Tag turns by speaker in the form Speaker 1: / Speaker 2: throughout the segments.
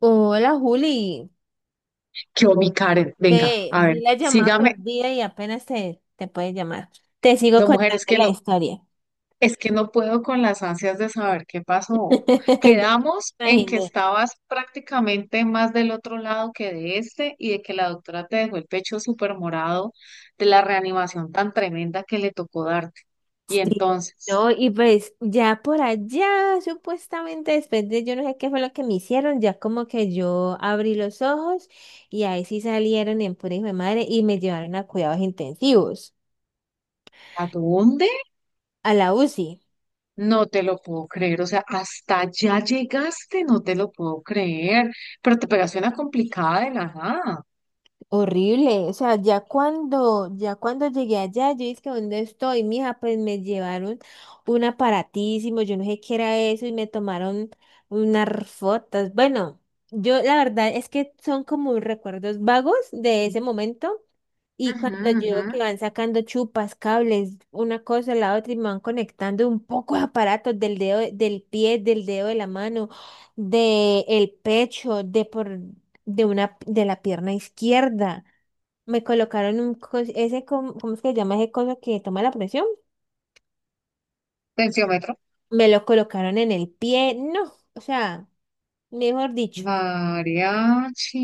Speaker 1: Hola Juli,
Speaker 2: Yo, mi Karen, venga, a
Speaker 1: vi
Speaker 2: ver,
Speaker 1: la llamada
Speaker 2: sígame.
Speaker 1: perdida y apenas te puedes llamar. Te sigo
Speaker 2: No, mujer, es
Speaker 1: contando
Speaker 2: que
Speaker 1: la
Speaker 2: no,
Speaker 1: historia.
Speaker 2: es que no puedo con las ansias de saber qué pasó. Quedamos
Speaker 1: Ya me
Speaker 2: en que
Speaker 1: imaginé.
Speaker 2: estabas prácticamente más del otro lado que de este y de que la doctora te dejó el pecho súper morado de la reanimación tan tremenda que le tocó darte. Y
Speaker 1: Sí.
Speaker 2: entonces,
Speaker 1: No, y pues ya por allá, supuestamente después de yo no sé qué fue lo que me hicieron, ya como que yo abrí los ojos y ahí sí salieron en pura hijo de madre y me llevaron a cuidados intensivos,
Speaker 2: ¿a dónde?
Speaker 1: a la UCI.
Speaker 2: No te lo puedo creer. O sea, hasta ya llegaste, no te lo puedo creer. Pero te pegaste una complicada de la nada.
Speaker 1: Horrible, o sea, ya cuando llegué allá, yo dije, ¿dónde estoy, mija? Pues me llevaron un aparatísimo, yo no sé qué era eso, y me tomaron unas fotos. Bueno, yo la verdad es que son como recuerdos vagos de ese momento, y
Speaker 2: Ujú,
Speaker 1: cuando yo
Speaker 2: ujú.
Speaker 1: veo que van sacando chupas, cables, una cosa, la otra, y me van conectando un poco de aparatos del dedo, del pie, del dedo de la mano, del pecho, de por de una, de la pierna izquierda. Me colocaron un, cos- ese, com- ¿cómo es que se llama ese coso que toma la presión?
Speaker 2: Tensiómetro.
Speaker 1: Me lo colocaron en el pie, no, o sea, mejor dicho.
Speaker 2: Mariachi.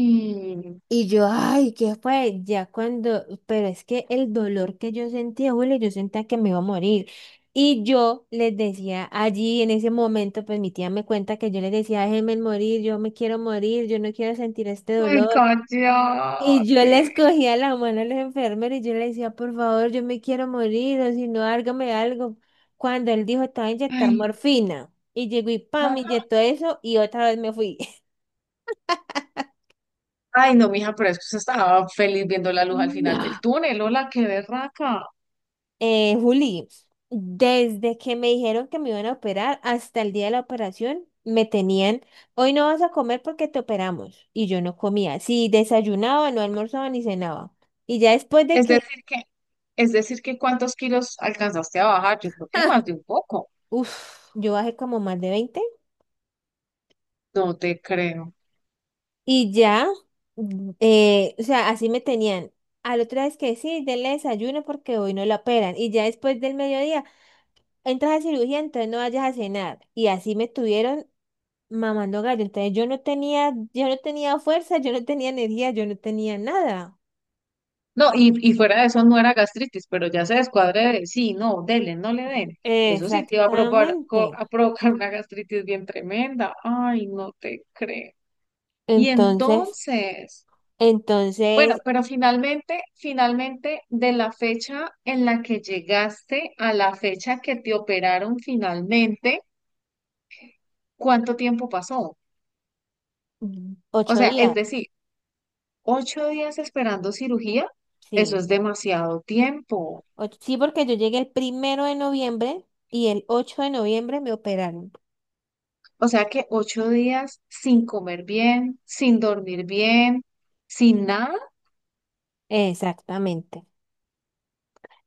Speaker 1: Y yo, ay, ¿qué fue? Ya cuando, pero es que el dolor que yo sentía, Julio, yo sentía que me iba a morir. Y yo les decía allí en ese momento, pues mi tía me cuenta que yo les decía, déjenme morir, yo me quiero morir, yo no quiero sentir este
Speaker 2: Ay,
Speaker 1: dolor. Y yo
Speaker 2: cállate.
Speaker 1: les cogía la mano a los enfermeros y yo le decía, por favor, yo me quiero morir, o si no, hágame algo. Cuando él dijo, estaba a inyectar
Speaker 2: Ay,
Speaker 1: morfina. Y llegó y pam, me inyectó eso y otra vez me fui.
Speaker 2: ay, no, mija, pero es que usted estaba feliz viendo la luz al final del
Speaker 1: No.
Speaker 2: túnel. Hola, qué berraca.
Speaker 1: Juli, desde que me dijeron que me iban a operar hasta el día de la operación, me tenían, hoy no vas a comer porque te operamos. Y yo no comía. Si desayunaba, no almorzaba ni cenaba. Y ya después de
Speaker 2: Es
Speaker 1: que,
Speaker 2: decir que, es decir que cuántos kilos alcanzaste a bajar. Yo creo que más de un poco.
Speaker 1: uff yo bajé como más de 20.
Speaker 2: No te creo.
Speaker 1: Y ya, o sea, así me tenían. Al otro día es que sí, denle desayuno porque hoy no lo operan. Y ya después del mediodía, entras a cirugía, entonces no vayas a cenar. Y así me tuvieron mamando gallo. Entonces yo no tenía fuerza, yo no tenía energía, yo no tenía nada.
Speaker 2: No, y fuera de eso no era gastritis, pero ya se descuadre de, sí, no, dele, no le den. Eso sí te iba a provocar,
Speaker 1: Exactamente.
Speaker 2: a provocar una gastritis bien tremenda. Ay, no te creo. Y
Speaker 1: Entonces,
Speaker 2: entonces. Bueno,
Speaker 1: entonces,
Speaker 2: pero finalmente, de la fecha en la que llegaste a la fecha que te operaron finalmente, ¿cuánto tiempo pasó?
Speaker 1: mm,
Speaker 2: O
Speaker 1: ocho
Speaker 2: sea, es
Speaker 1: días,
Speaker 2: decir, 8 días esperando cirugía, eso
Speaker 1: sí.
Speaker 2: es demasiado tiempo.
Speaker 1: Sí, porque yo llegué el 1 de noviembre y el 8 de noviembre me operaron.
Speaker 2: O sea que 8 días sin comer bien, sin dormir bien, sin nada,
Speaker 1: Exactamente.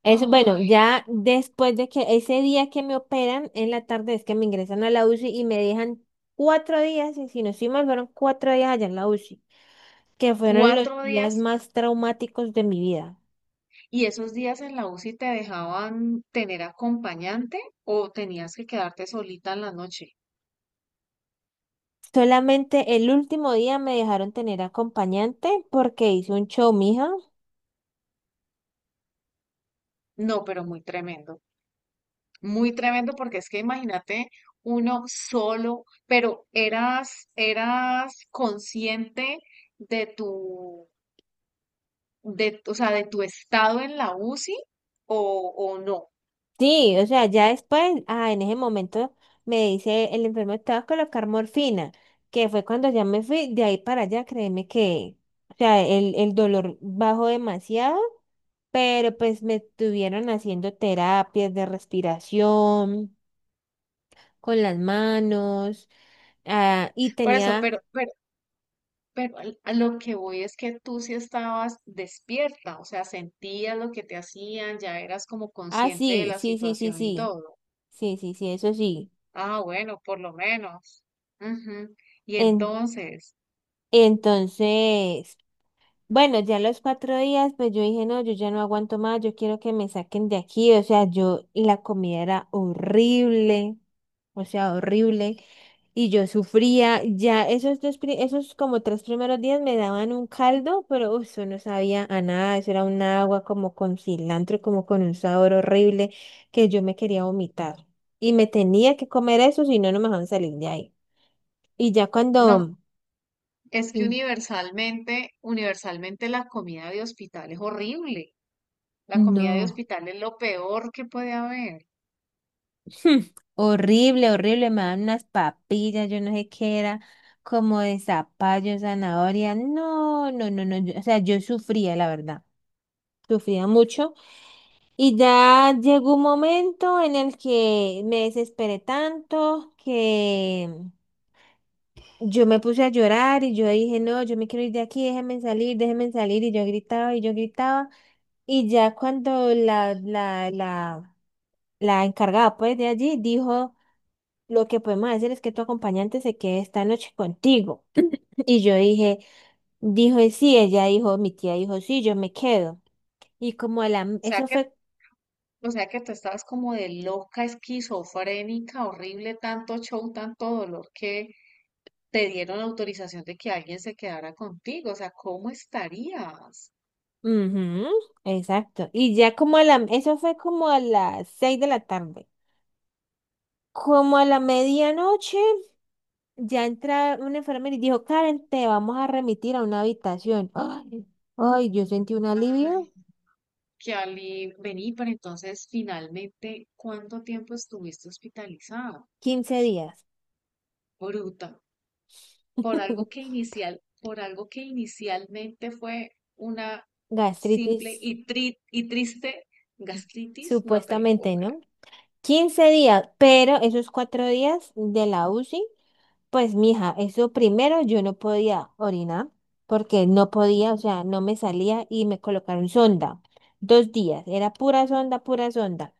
Speaker 1: Eso, bueno,
Speaker 2: ¡ay!
Speaker 1: ya después de que ese día que me operan, en la tarde es que me ingresan a la UCI y me dejan 4 días, y si no estoy mal, fueron 4 días allá en la UCI, que fueron los
Speaker 2: cuatro
Speaker 1: días
Speaker 2: días.
Speaker 1: más traumáticos de mi vida.
Speaker 2: ¿Y esos días en la UCI te dejaban tener acompañante o tenías que quedarte solita en la noche?
Speaker 1: Solamente el último día me dejaron tener acompañante porque hice un show, mija.
Speaker 2: No, pero muy tremendo porque es que imagínate uno solo, pero eras, eras consciente de tu, de, o sea, de tu estado en la UCI o, o no.
Speaker 1: Sí, o sea, en ese momento me dice el enfermo, te vas a colocar morfina, que fue cuando ya me fui de ahí para allá, créeme que, o sea, el dolor bajó demasiado, pero pues me estuvieron haciendo terapias de respiración con las manos, ah, y
Speaker 2: Por eso,
Speaker 1: tenía,
Speaker 2: pero a lo que voy es que tú sí estabas despierta, o sea, sentías lo que te hacían, ya eras como
Speaker 1: ah,
Speaker 2: consciente de
Speaker 1: sí,
Speaker 2: la
Speaker 1: sí, sí, sí,
Speaker 2: situación y
Speaker 1: sí,
Speaker 2: todo.
Speaker 1: sí, sí, sí, eso sí.
Speaker 2: Ah, bueno, por lo menos. Ujú. Y
Speaker 1: En,
Speaker 2: entonces.
Speaker 1: entonces, bueno, ya los 4 días, pues yo dije, no, yo ya no aguanto más, yo quiero que me saquen de aquí. O sea, yo, y la comida era horrible, o sea, horrible, y yo sufría. Ya esos como 3 primeros días me daban un caldo, pero uf, eso no sabía a nada, eso era un agua como con cilantro, como con un sabor horrible, que yo me quería vomitar. Y me tenía que comer eso, si no, no me dejaban salir de ahí. Y ya
Speaker 2: No,
Speaker 1: cuando...
Speaker 2: es que
Speaker 1: Mm.
Speaker 2: universalmente la comida de hospital es horrible. La comida de
Speaker 1: No.
Speaker 2: hospital es lo peor que puede haber.
Speaker 1: Hmm, horrible, horrible, me daban unas papillas, yo no sé qué era, como de zapallo, zanahoria, no, no, no, no, o sea, yo sufría, la verdad, sufría mucho. Y ya llegó un momento en el que me desesperé tanto que yo me puse a llorar y yo dije, no, yo me quiero ir de aquí, déjenme salir, y yo gritaba y yo gritaba. Y ya cuando la encargada pues de allí dijo, lo que podemos hacer es que tu acompañante se quede esta noche contigo. Y yo dije, dijo, "Y sí, ella dijo, mi tía dijo, sí, yo me quedo. Y como a la,
Speaker 2: O sea
Speaker 1: eso
Speaker 2: que,
Speaker 1: fue,
Speaker 2: o sea que tú estabas como de loca, esquizofrénica, horrible, tanto show, tanto dolor que te dieron autorización de que alguien se quedara contigo. O sea, ¿cómo estarías?
Speaker 1: ujú, exacto. Y ya como a la, eso fue como a las 6 de la tarde. Como a la medianoche, ya entra un enfermero y dijo, Karen, te vamos a remitir a una habitación. Ay, ay, yo sentí un
Speaker 2: Ay,
Speaker 1: alivio.
Speaker 2: qué alivio. Vení, pero entonces finalmente, ¿cuánto tiempo estuviste hospitalizada?
Speaker 1: Quince días.
Speaker 2: Bruta. Por algo que inicialmente fue una
Speaker 1: Gastritis.
Speaker 2: simple y, triste gastritis, no te lo puedo
Speaker 1: Supuestamente,
Speaker 2: creer.
Speaker 1: ¿no? 15 días, pero esos 4 días de la UCI, pues mija, eso primero yo no podía orinar porque no podía, o sea, no me salía y me colocaron sonda. 2 días, era pura sonda, pura sonda.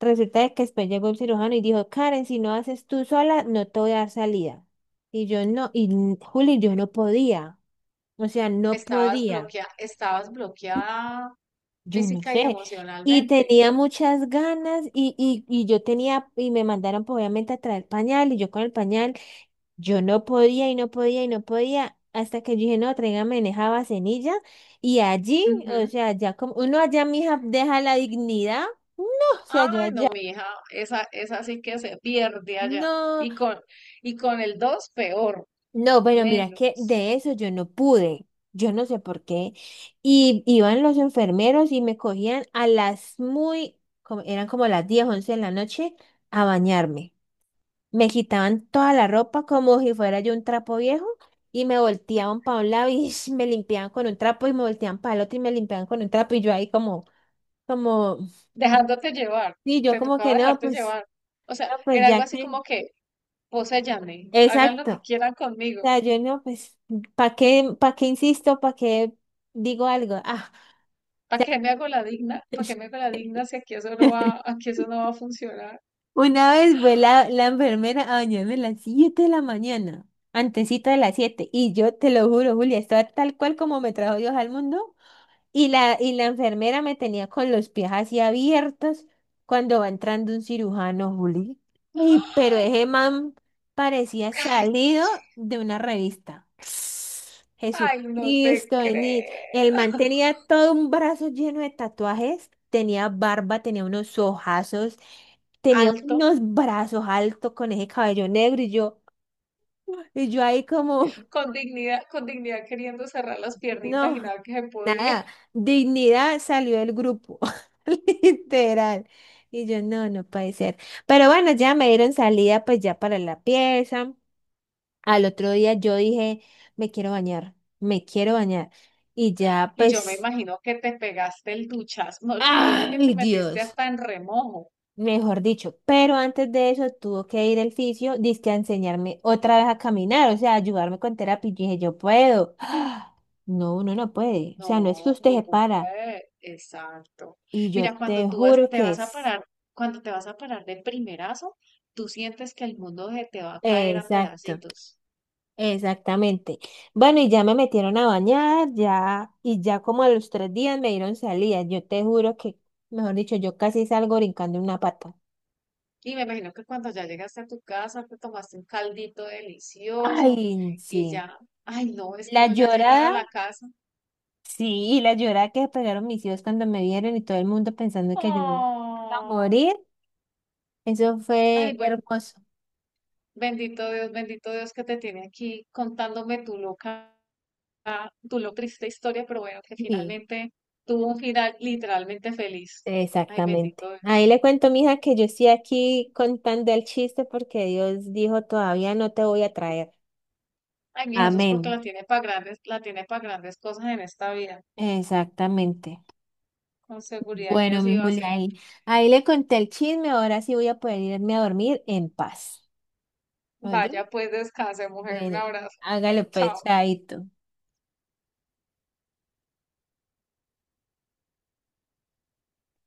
Speaker 1: Resulta de que después llegó el cirujano y dijo, Karen, si no haces tú sola, no te voy a dar salida. Y yo no, Juli, yo no podía, o sea, no
Speaker 2: Estabas
Speaker 1: podía.
Speaker 2: bloqueada, estabas bloqueada
Speaker 1: Yo no
Speaker 2: física y
Speaker 1: sé. Y
Speaker 2: emocionalmente.
Speaker 1: tenía muchas ganas y yo tenía, y me mandaron pues, obviamente a traer pañal y yo con el pañal, yo no podía y no podía y no podía hasta que yo dije, no, tráigame en esa vasenilla y allí, o
Speaker 2: Ujú.
Speaker 1: sea, ya como uno allá, mija, deja la dignidad. No, o sea, yo
Speaker 2: Ay,
Speaker 1: allá,
Speaker 2: no, mi hija, esa sí que se pierde allá.
Speaker 1: no.
Speaker 2: Y con, y con el 2 peor,
Speaker 1: No, pero mira que
Speaker 2: menos.
Speaker 1: de eso yo no pude. Yo no sé por qué. Y iban los enfermeros y me cogían a las muy, como, eran como las 10, 11 de la noche, a bañarme. Me quitaban toda la ropa como si fuera yo un trapo viejo y me volteaban para un lado y me limpiaban con un trapo y me volteaban para el otro y me limpiaban con un trapo y yo ahí como,
Speaker 2: Dejándote llevar,
Speaker 1: sí, yo
Speaker 2: te
Speaker 1: como
Speaker 2: tocaba
Speaker 1: que no,
Speaker 2: dejarte
Speaker 1: pues,
Speaker 2: llevar. O sea,
Speaker 1: no, pues
Speaker 2: era algo
Speaker 1: ya
Speaker 2: así
Speaker 1: que,
Speaker 2: como que, poséyanme, hagan lo que
Speaker 1: exacto.
Speaker 2: quieran conmigo.
Speaker 1: Sea, yo no, pues, para qué insisto? ¿Para qué digo algo? Ah,
Speaker 2: ¿Para qué me hago la digna? ¿Para qué me hago la digna si aquí eso no va, aquí eso no va a funcionar?
Speaker 1: una vez fue la enfermera a bañarme a las 7 de la mañana, antesito de las 7 y yo te lo juro, Julia, estaba tal cual como me trajo Dios al mundo. Y la enfermera me tenía con los pies así abiertos cuando va entrando un cirujano, Juli. Y, pero
Speaker 2: Ay,
Speaker 1: ese man parecía salido
Speaker 2: cachi.
Speaker 1: de una revista.
Speaker 2: Ay, no te
Speaker 1: Jesucristo, vení. El man
Speaker 2: creo.
Speaker 1: tenía todo un brazo lleno de tatuajes, tenía barba, tenía unos ojazos, tenía
Speaker 2: Alto,
Speaker 1: unos brazos altos con ese cabello negro y yo ahí como,
Speaker 2: con dignidad queriendo cerrar las piernitas y
Speaker 1: no.
Speaker 2: nada que se podía.
Speaker 1: Nada, dignidad salió del grupo, literal. Y yo, no, no puede ser. Pero bueno, ya me dieron salida pues ya para la pieza. Al otro día yo dije, me quiero bañar, me quiero bañar. Y ya
Speaker 2: Y yo me
Speaker 1: pues,
Speaker 2: imagino que te pegaste el duchazo. No, yo creo que te
Speaker 1: ay
Speaker 2: metiste
Speaker 1: Dios,
Speaker 2: hasta en remojo.
Speaker 1: mejor dicho. Pero antes de eso tuvo que ir el fisio, dizque a enseñarme otra vez a caminar, o sea, ayudarme con terapia. Y yo dije, yo puedo. No, uno no puede. O sea, no es que
Speaker 2: No,
Speaker 1: usted se
Speaker 2: ningún
Speaker 1: para.
Speaker 2: puede. Exacto.
Speaker 1: Y yo
Speaker 2: Mira, cuando
Speaker 1: te
Speaker 2: tú vas,
Speaker 1: juro
Speaker 2: te
Speaker 1: que
Speaker 2: vas a
Speaker 1: es.
Speaker 2: parar, cuando te vas a parar de primerazo, tú sientes que el mundo se te va a caer a
Speaker 1: Exacto,
Speaker 2: pedacitos.
Speaker 1: exactamente. Bueno, y ya me metieron a bañar, ya, y ya como a los 3 días me dieron salida. Yo te juro que, mejor dicho, yo casi salgo brincando en una pata.
Speaker 2: Y me imagino que cuando ya llegaste a tu casa, te tomaste un caldito delicioso
Speaker 1: Ay,
Speaker 2: y
Speaker 1: sí.
Speaker 2: ya, ay no, es que
Speaker 1: La
Speaker 2: uno ya llegar a
Speaker 1: llorada,
Speaker 2: la casa.
Speaker 1: sí, la llorada que pegaron mis hijos cuando me vieron y todo el mundo pensando que yo iba a
Speaker 2: Oh,
Speaker 1: morir, eso
Speaker 2: ay
Speaker 1: fue
Speaker 2: bueno,
Speaker 1: hermoso.
Speaker 2: bendito Dios que te tiene aquí contándome tu loca, tu lo triste historia, pero bueno, que
Speaker 1: Sí,
Speaker 2: finalmente tuvo un final literalmente feliz. Ay,
Speaker 1: exactamente.
Speaker 2: bendito
Speaker 1: Ahí
Speaker 2: Dios.
Speaker 1: le cuento, mija, que yo estoy aquí contando el chiste porque Dios dijo, todavía no te voy a traer.
Speaker 2: Ay, mija, eso es
Speaker 1: Amén.
Speaker 2: porque la tiene para grandes, la tiene para grandes cosas en esta vida.
Speaker 1: Exactamente.
Speaker 2: Con seguridad que
Speaker 1: Bueno, mi
Speaker 2: así va a
Speaker 1: Julia,
Speaker 2: ser.
Speaker 1: ahí le conté el chisme, ahora sí voy a poder irme a dormir en paz. ¿Oyó?
Speaker 2: Vaya, pues descanse, mujer. Un
Speaker 1: Bueno,
Speaker 2: abrazo.
Speaker 1: hágale
Speaker 2: Chao.
Speaker 1: pues, chaito.